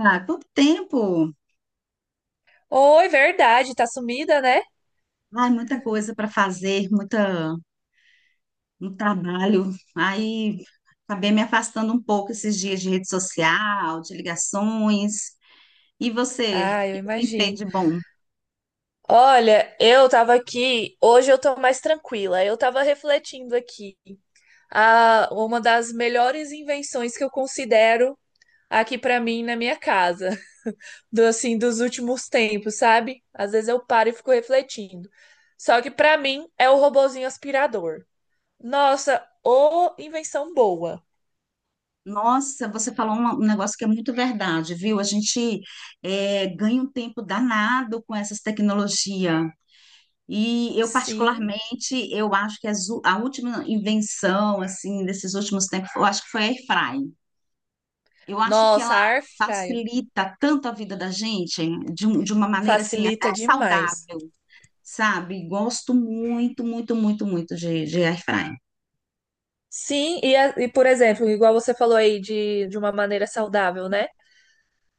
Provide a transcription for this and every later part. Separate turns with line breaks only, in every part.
Ah, quanto tempo!
Oi, verdade, tá sumida, né?
Ai, muita coisa para fazer, muita, muito trabalho. Aí acabei me afastando um pouco esses dias de rede social, de ligações. E você, o
Ah, eu
que que tem feito
imagino.
de bom?
Olha, eu tava aqui, hoje eu tô mais tranquila. Eu tava refletindo aqui. Ah, uma das melhores invenções que eu considero aqui pra mim na minha casa, do assim dos últimos tempos, sabe? Às vezes eu paro e fico refletindo. Só que pra mim é o robozinho aspirador. Nossa, ô invenção boa.
Nossa, você falou um negócio que é muito verdade, viu? A gente é, ganha um tempo danado com essas tecnologias. E eu,
Sim.
particularmente, eu acho que a última invenção, assim, desses últimos tempos, eu acho que foi a airfryer. Eu acho que
Nossa,
ela
a air fryer
facilita tanto a vida da gente de uma maneira assim até
facilita demais.
saudável, sabe? Gosto muito, muito, muito, muito de air fryer.
Sim, e por exemplo, igual você falou aí de uma maneira saudável, né?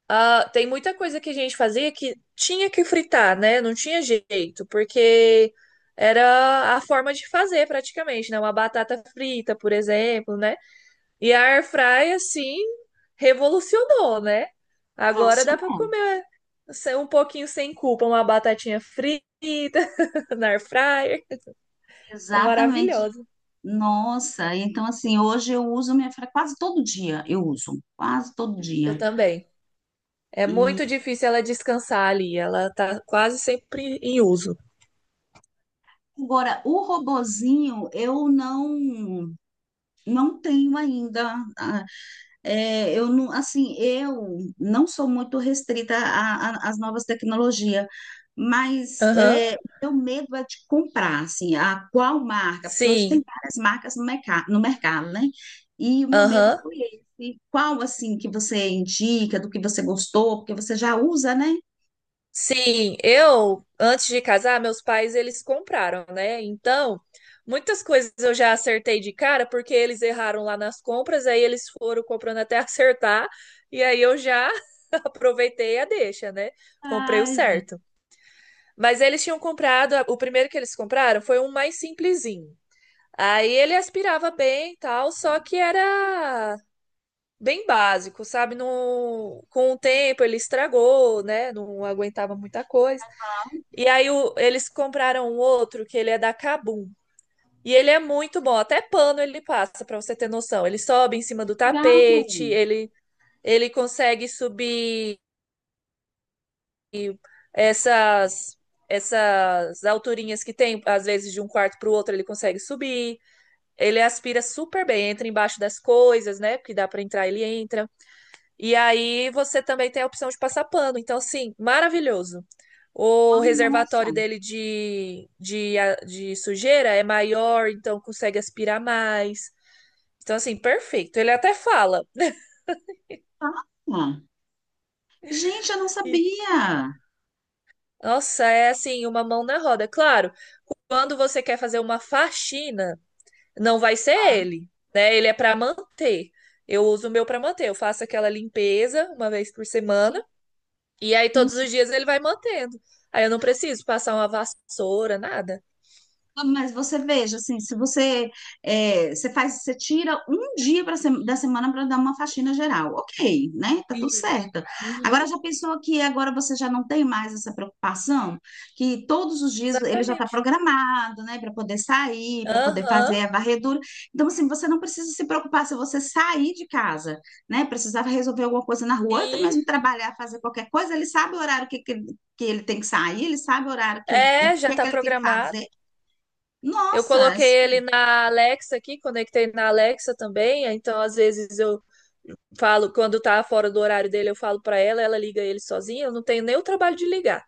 Ah, tem muita coisa que a gente fazia que tinha que fritar, né? Não tinha jeito, porque era a forma de fazer praticamente, né? Uma batata frita, por exemplo, né? E a air fry assim, revolucionou, né? Agora dá para
Revolucionário.
comer um pouquinho sem culpa, uma batatinha frita na air fryer. É
Exatamente.
maravilhoso.
Nossa, então assim, hoje eu uso minha air quase todo dia, eu uso, quase todo
Eu
dia.
também. É
E
muito difícil ela descansar ali, ela tá quase sempre em uso.
agora o robozinho eu não tenho ainda. Ah, é, eu não, assim, eu não sou muito restrita às novas tecnologias, mas
Aham.
é, meu medo é de comprar, assim, a qual marca, porque hoje tem
Sim.
várias marcas no mercado, né? E o meu medo
Aham.
foi esse. Qual, assim, que você indica, do que você gostou, porque você já usa, né?
Sim, eu antes de casar, meus pais eles compraram, né? Então, muitas coisas eu já acertei de cara porque eles erraram lá nas compras, aí eles foram comprando até acertar, e aí eu já aproveitei a deixa, né? Comprei o
Ai, gente,
certo. Mas eles tinham comprado, o primeiro que eles compraram foi um mais simplesinho. Aí ele aspirava bem e tal, só que era bem básico, sabe? No, com o tempo ele estragou, né? Não aguentava muita coisa. E aí eles compraram um outro que ele é da Kabum. E ele é muito bom, até pano ele passa, pra você ter noção. Ele sobe em cima do tapete,
legal.
ele consegue subir essas essas alturinhas que tem, às vezes de um quarto para o outro ele consegue subir. Ele aspira super bem, entra embaixo das coisas, né? Porque dá para entrar, ele entra. E aí você também tem a opção de passar pano. Então, assim, maravilhoso. O
Ai, nossa.
reservatório dele de sujeira é maior, então consegue aspirar mais. Então, assim, perfeito. Ele até fala. Né?
Ah, gente, eu não
E,
sabia.
nossa, é assim, uma mão na roda. Claro, quando você quer fazer uma faxina, não vai ser ele, né? Ele é para manter. Eu uso o meu para manter. Eu faço aquela limpeza uma vez por semana
Sim,
e aí
sim.
todos os dias ele vai mantendo. Aí eu não preciso passar uma vassoura, nada.
Mas você veja, assim, se você, é, você faz, você tira um dia pra sem- da semana para dar uma faxina geral, ok, né? Tá tudo
E,
certo.
Uhum,
Agora já pensou que agora você já não tem mais essa preocupação, que todos os dias ele já está
exatamente.
programado, né, para poder sair, para poder
Aham.
fazer a varredura. Então, assim, você não precisa se preocupar se você sair de casa, né? Precisava resolver alguma coisa na rua, ou até
E
mesmo trabalhar, fazer qualquer coisa, ele sabe o horário que ele tem que sair, ele sabe o horário que ele, o
é,
que
já
é que
tá
ele tem que
programado.
fazer.
Eu
Nossa,
coloquei ele na Alexa aqui, conectei na Alexa também. Então, às vezes eu falo, quando tá fora do horário dele, eu falo pra ela, ela liga ele sozinha. Eu não tenho nem o trabalho de ligar.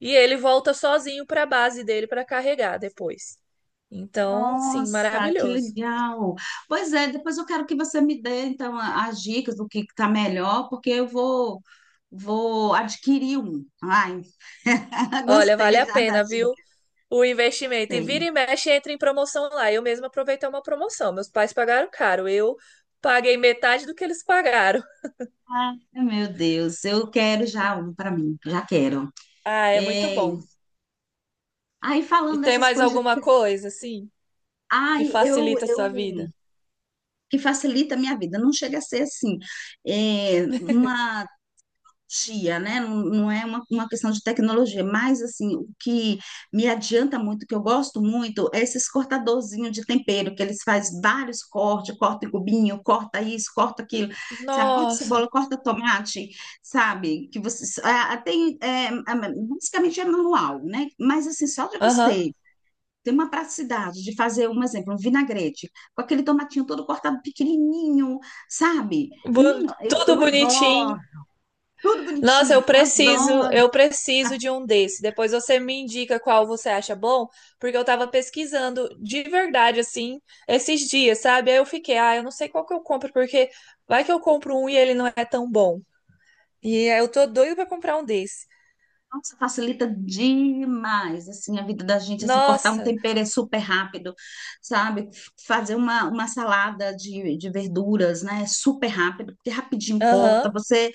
E ele volta sozinho para a base dele para carregar depois. Então, sim,
nossa, que
maravilhoso.
legal. Pois é, depois eu quero que você me dê então as dicas do que está melhor, porque eu vou vou adquirir um. Ai,
Olha, vale
gostei
a
já da
pena, viu?
dica,
O investimento. E vira
gostei.
e mexe, entra em promoção lá. Eu mesma aproveitei uma promoção. Meus pais pagaram caro. Eu paguei metade do que eles pagaram.
Ai, meu Deus, eu quero já um para mim, já quero.
Ah, é muito
É,
bom.
aí
E
falando
tem
dessas
mais
coisas,
alguma coisa, assim, que
ai,
facilita a
eu
sua vida?
que facilita a minha vida, não chega a ser assim, é, uma tia, né? Não, não é uma questão de tecnologia, mas assim, o que me adianta muito, que eu gosto muito, é esses cortadorzinhos de tempero, que eles fazem vários cortes, corta em cubinho, corta isso, corta aquilo, sabe? Corta
Nossa.
cebola, corta tomate, sabe? Que você basicamente é manual, né? Mas assim, só de
Aham.
você ter uma praticidade de fazer, um exemplo, um vinagrete, com aquele tomatinho todo cortado pequenininho, sabe? Menino, eu
Tudo
adoro
bonitinho.
tudo
Nossa,
bonitinho, eu adoro.
eu preciso de um desse. Depois você me indica qual você acha bom, porque eu tava pesquisando de verdade assim esses dias, sabe? Aí eu fiquei, ah, eu não sei qual que eu compro, porque vai que eu compro um e ele não é tão bom. E aí eu tô doido pra comprar um desse.
Nossa, facilita demais, assim, a vida da gente, assim, cortar um
Nossa,
tempero é super rápido, sabe? Fazer uma salada de verduras, né? É super rápido, porque rapidinho corta,
aham.
você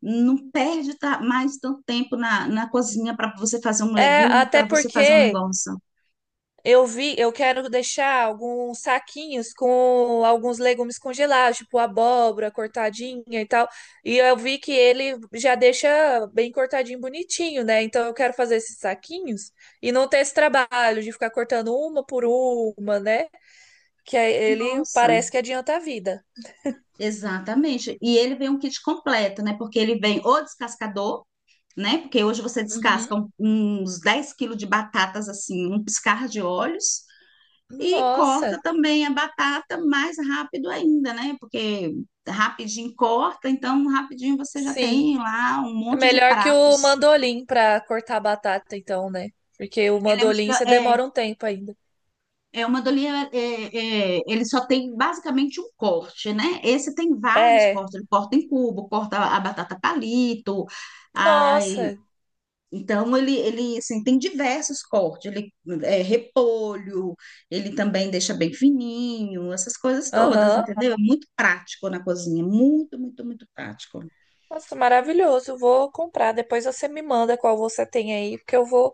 não perde mais tanto tempo na cozinha para você fazer um
É,
legume,
até
para você fazer um
porque
negócio.
eu vi, eu quero deixar alguns saquinhos com alguns legumes congelados, tipo abóbora cortadinha e tal. E eu vi que ele já deixa bem cortadinho, bonitinho, né? Então eu quero fazer esses saquinhos e não ter esse trabalho de ficar cortando uma por uma, né? Que aí ele
Nossa,
parece que adianta a vida.
exatamente. E ele vem um kit completo, né? Porque ele vem o descascador, né? Porque hoje você descasca
Uhum.
uns 10 quilos de batatas assim, um piscar de olhos, e
Nossa,
corta também a batata mais rápido ainda, né? Porque rapidinho corta, então rapidinho você já
sim.
tem lá um
É
monte de
melhor que o
pratos.
mandolim para cortar a batata, então, né? Porque o
Ele é
mandolim
melhor,
você
é,
demora um tempo ainda.
é uma dolia, ele só tem basicamente um corte, né? Esse tem vários
É.
cortes, ele corta em cubo, corta a batata palito, ai,
Nossa,
Então, ele assim, tem diversos cortes, ele é repolho, ele também deixa bem fininho, essas coisas todas,
Aham.
entendeu? É muito prático na cozinha, muito, muito, muito prático.
Nossa, maravilhoso. Vou comprar. Depois você me manda qual você tem aí, porque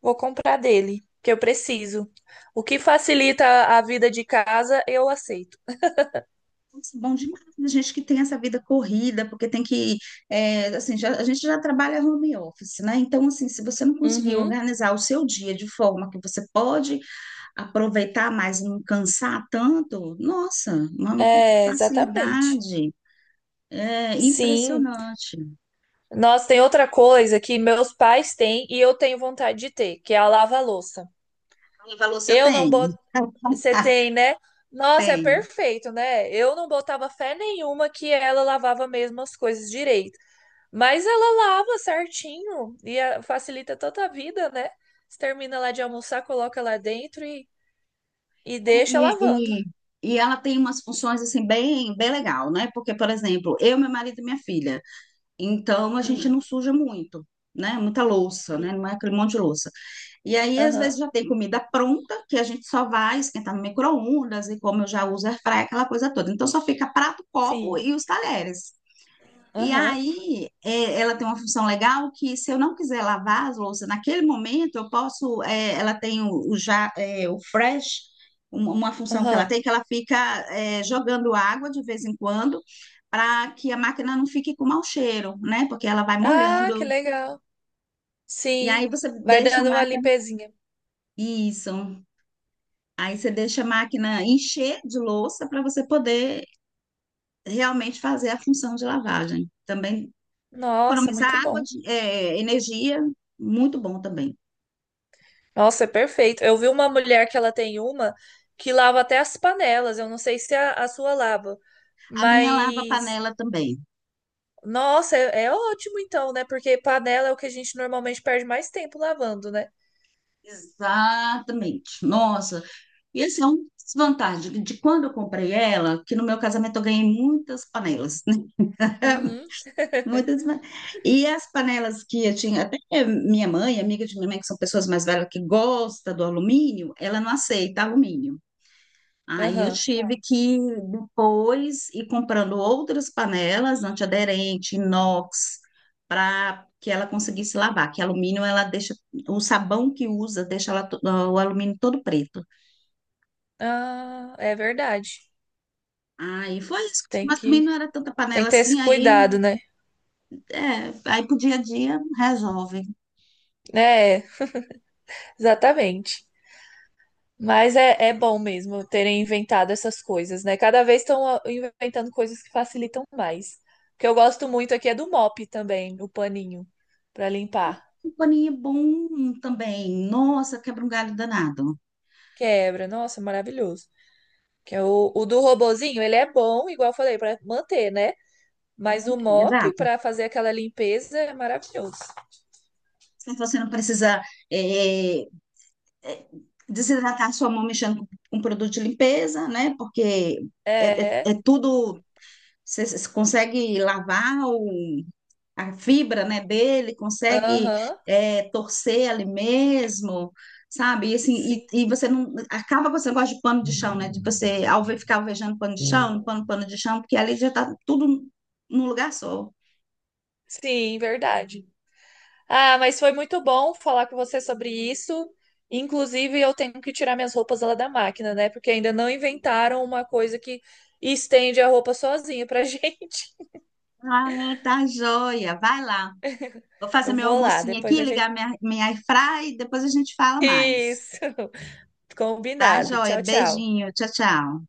vou comprar dele, que eu preciso. O que facilita a vida de casa, eu aceito.
Nossa, bom demais, a gente que tem essa vida corrida, porque tem que, é, assim, a gente já trabalha home office, né? Então, assim, se você não conseguir
Uhum.
organizar o seu dia de forma que você pode aproveitar mais e não cansar tanto, nossa, uma
É, exatamente.
facilidade, é
Sim.
impressionante.
Nossa, tem outra coisa que meus pais têm e eu tenho vontade de ter, que é a lava-louça.
Ela falou se eu
Eu não
tenho.
boto. Você
Ah,
tem, né? Nossa, é
tenho.
perfeito, né? Eu não botava fé nenhuma que ela lavava mesmo as coisas direito. Mas ela lava certinho e ah, facilita toda a vida, né? Você termina lá de almoçar, coloca lá dentro e deixa
E,
lavando.
e, e ela tem umas funções assim bem, bem legal, né? Porque, por exemplo, eu, meu marido e minha filha. Então a gente
Hum,
não suja muito. Né, muita louça, né,
sim.
não é aquele monte de louça. E aí, às
Aham,
vezes, já tem comida pronta, que a gente só vai esquentar no micro-ondas, e como eu já uso airfryer, aquela coisa toda. Então, só fica prato, copo
sim.
e os talheres. E
Aham,
aí, é, ela tem uma função legal que, se eu não quiser lavar as louças naquele momento, eu posso. É, ela tem o fresh, uma função que ela
aham.
tem, que ela fica, é, jogando água de vez em quando, para que a máquina não fique com mau cheiro, né? Porque ela vai
Ah, que
molhando.
legal.
E aí,
Sim.
você
Vai
deixa a
dando uma
máquina.
limpezinha.
Isso. Aí, você deixa a máquina encher de louça para você poder realmente fazer a função de lavagem. Também
Nossa,
economizar
muito
água,
bom.
é, energia, muito bom também.
Nossa, é perfeito. Eu vi uma mulher que ela tem uma que lava até as panelas. Eu não sei se a sua lava,
A minha lava
mas
panela também.
nossa, é, é ótimo então, né? Porque panela é o que a gente normalmente perde mais tempo lavando, né?
Exatamente. Nossa, e esse é um desvantagem de quando eu comprei ela, que no meu casamento eu ganhei muitas panelas, né?
Uhum,
Muitas. E as panelas que eu tinha, até minha mãe, amiga de minha mãe, que são pessoas mais velhas que gosta do alumínio, ela não aceita alumínio. Aí eu
aham.
tive que depois ir comprando outras panelas antiaderente, inox, para que ela conseguisse lavar, que alumínio ela deixa, o sabão que usa deixa ela, o alumínio todo preto.
Ah, é verdade.
Aí foi isso,
Tem
mas também
que,
não era tanta
tem
panela
que ter
assim,
esse
aí,
cuidado, né?
é, aí pro dia a dia resolve.
É, exatamente. Mas é, é bom mesmo terem inventado essas coisas, né? Cada vez estão ah, inventando coisas que facilitam mais. O que eu gosto muito aqui é do mop também, o paninho para limpar.
Um paninho bom também, nossa, quebra um galho danado.
Quebra, nossa, maravilhoso. Que é o do robozinho, ele é bom, igual eu falei, para manter, né? Mas
Não
o
tem,
mop
exato.
para fazer aquela limpeza é maravilhoso.
Se você não precisa eh, é, desidratar a sua mão mexendo com um produto de limpeza, né? Porque
É,
é tudo. Você consegue lavar o, a fibra, né, dele, consegue
aham,
é, torcer ali mesmo, sabe? E, assim,
sim,
e você não. Acaba com esse negócio de pano de chão, né? De você alve, ficar alvejando pano de chão, limpando pano de chão, porque ali já está tudo num lugar só.
sim, verdade. Ah, mas foi muito bom falar com você sobre isso. Inclusive, eu tenho que tirar minhas roupas lá da máquina, né? Porque ainda não inventaram uma coisa que estende a roupa sozinha pra gente.
Ah, tá joia. Vai lá. Vou fazer
Eu
meu
vou lá,
almocinho
depois
aqui,
a gente.
ligar minha, minha airfry e depois a gente fala mais.
Isso,
Tá,
combinado.
joia?
Tchau, tchau.
Beijinho. Tchau, tchau.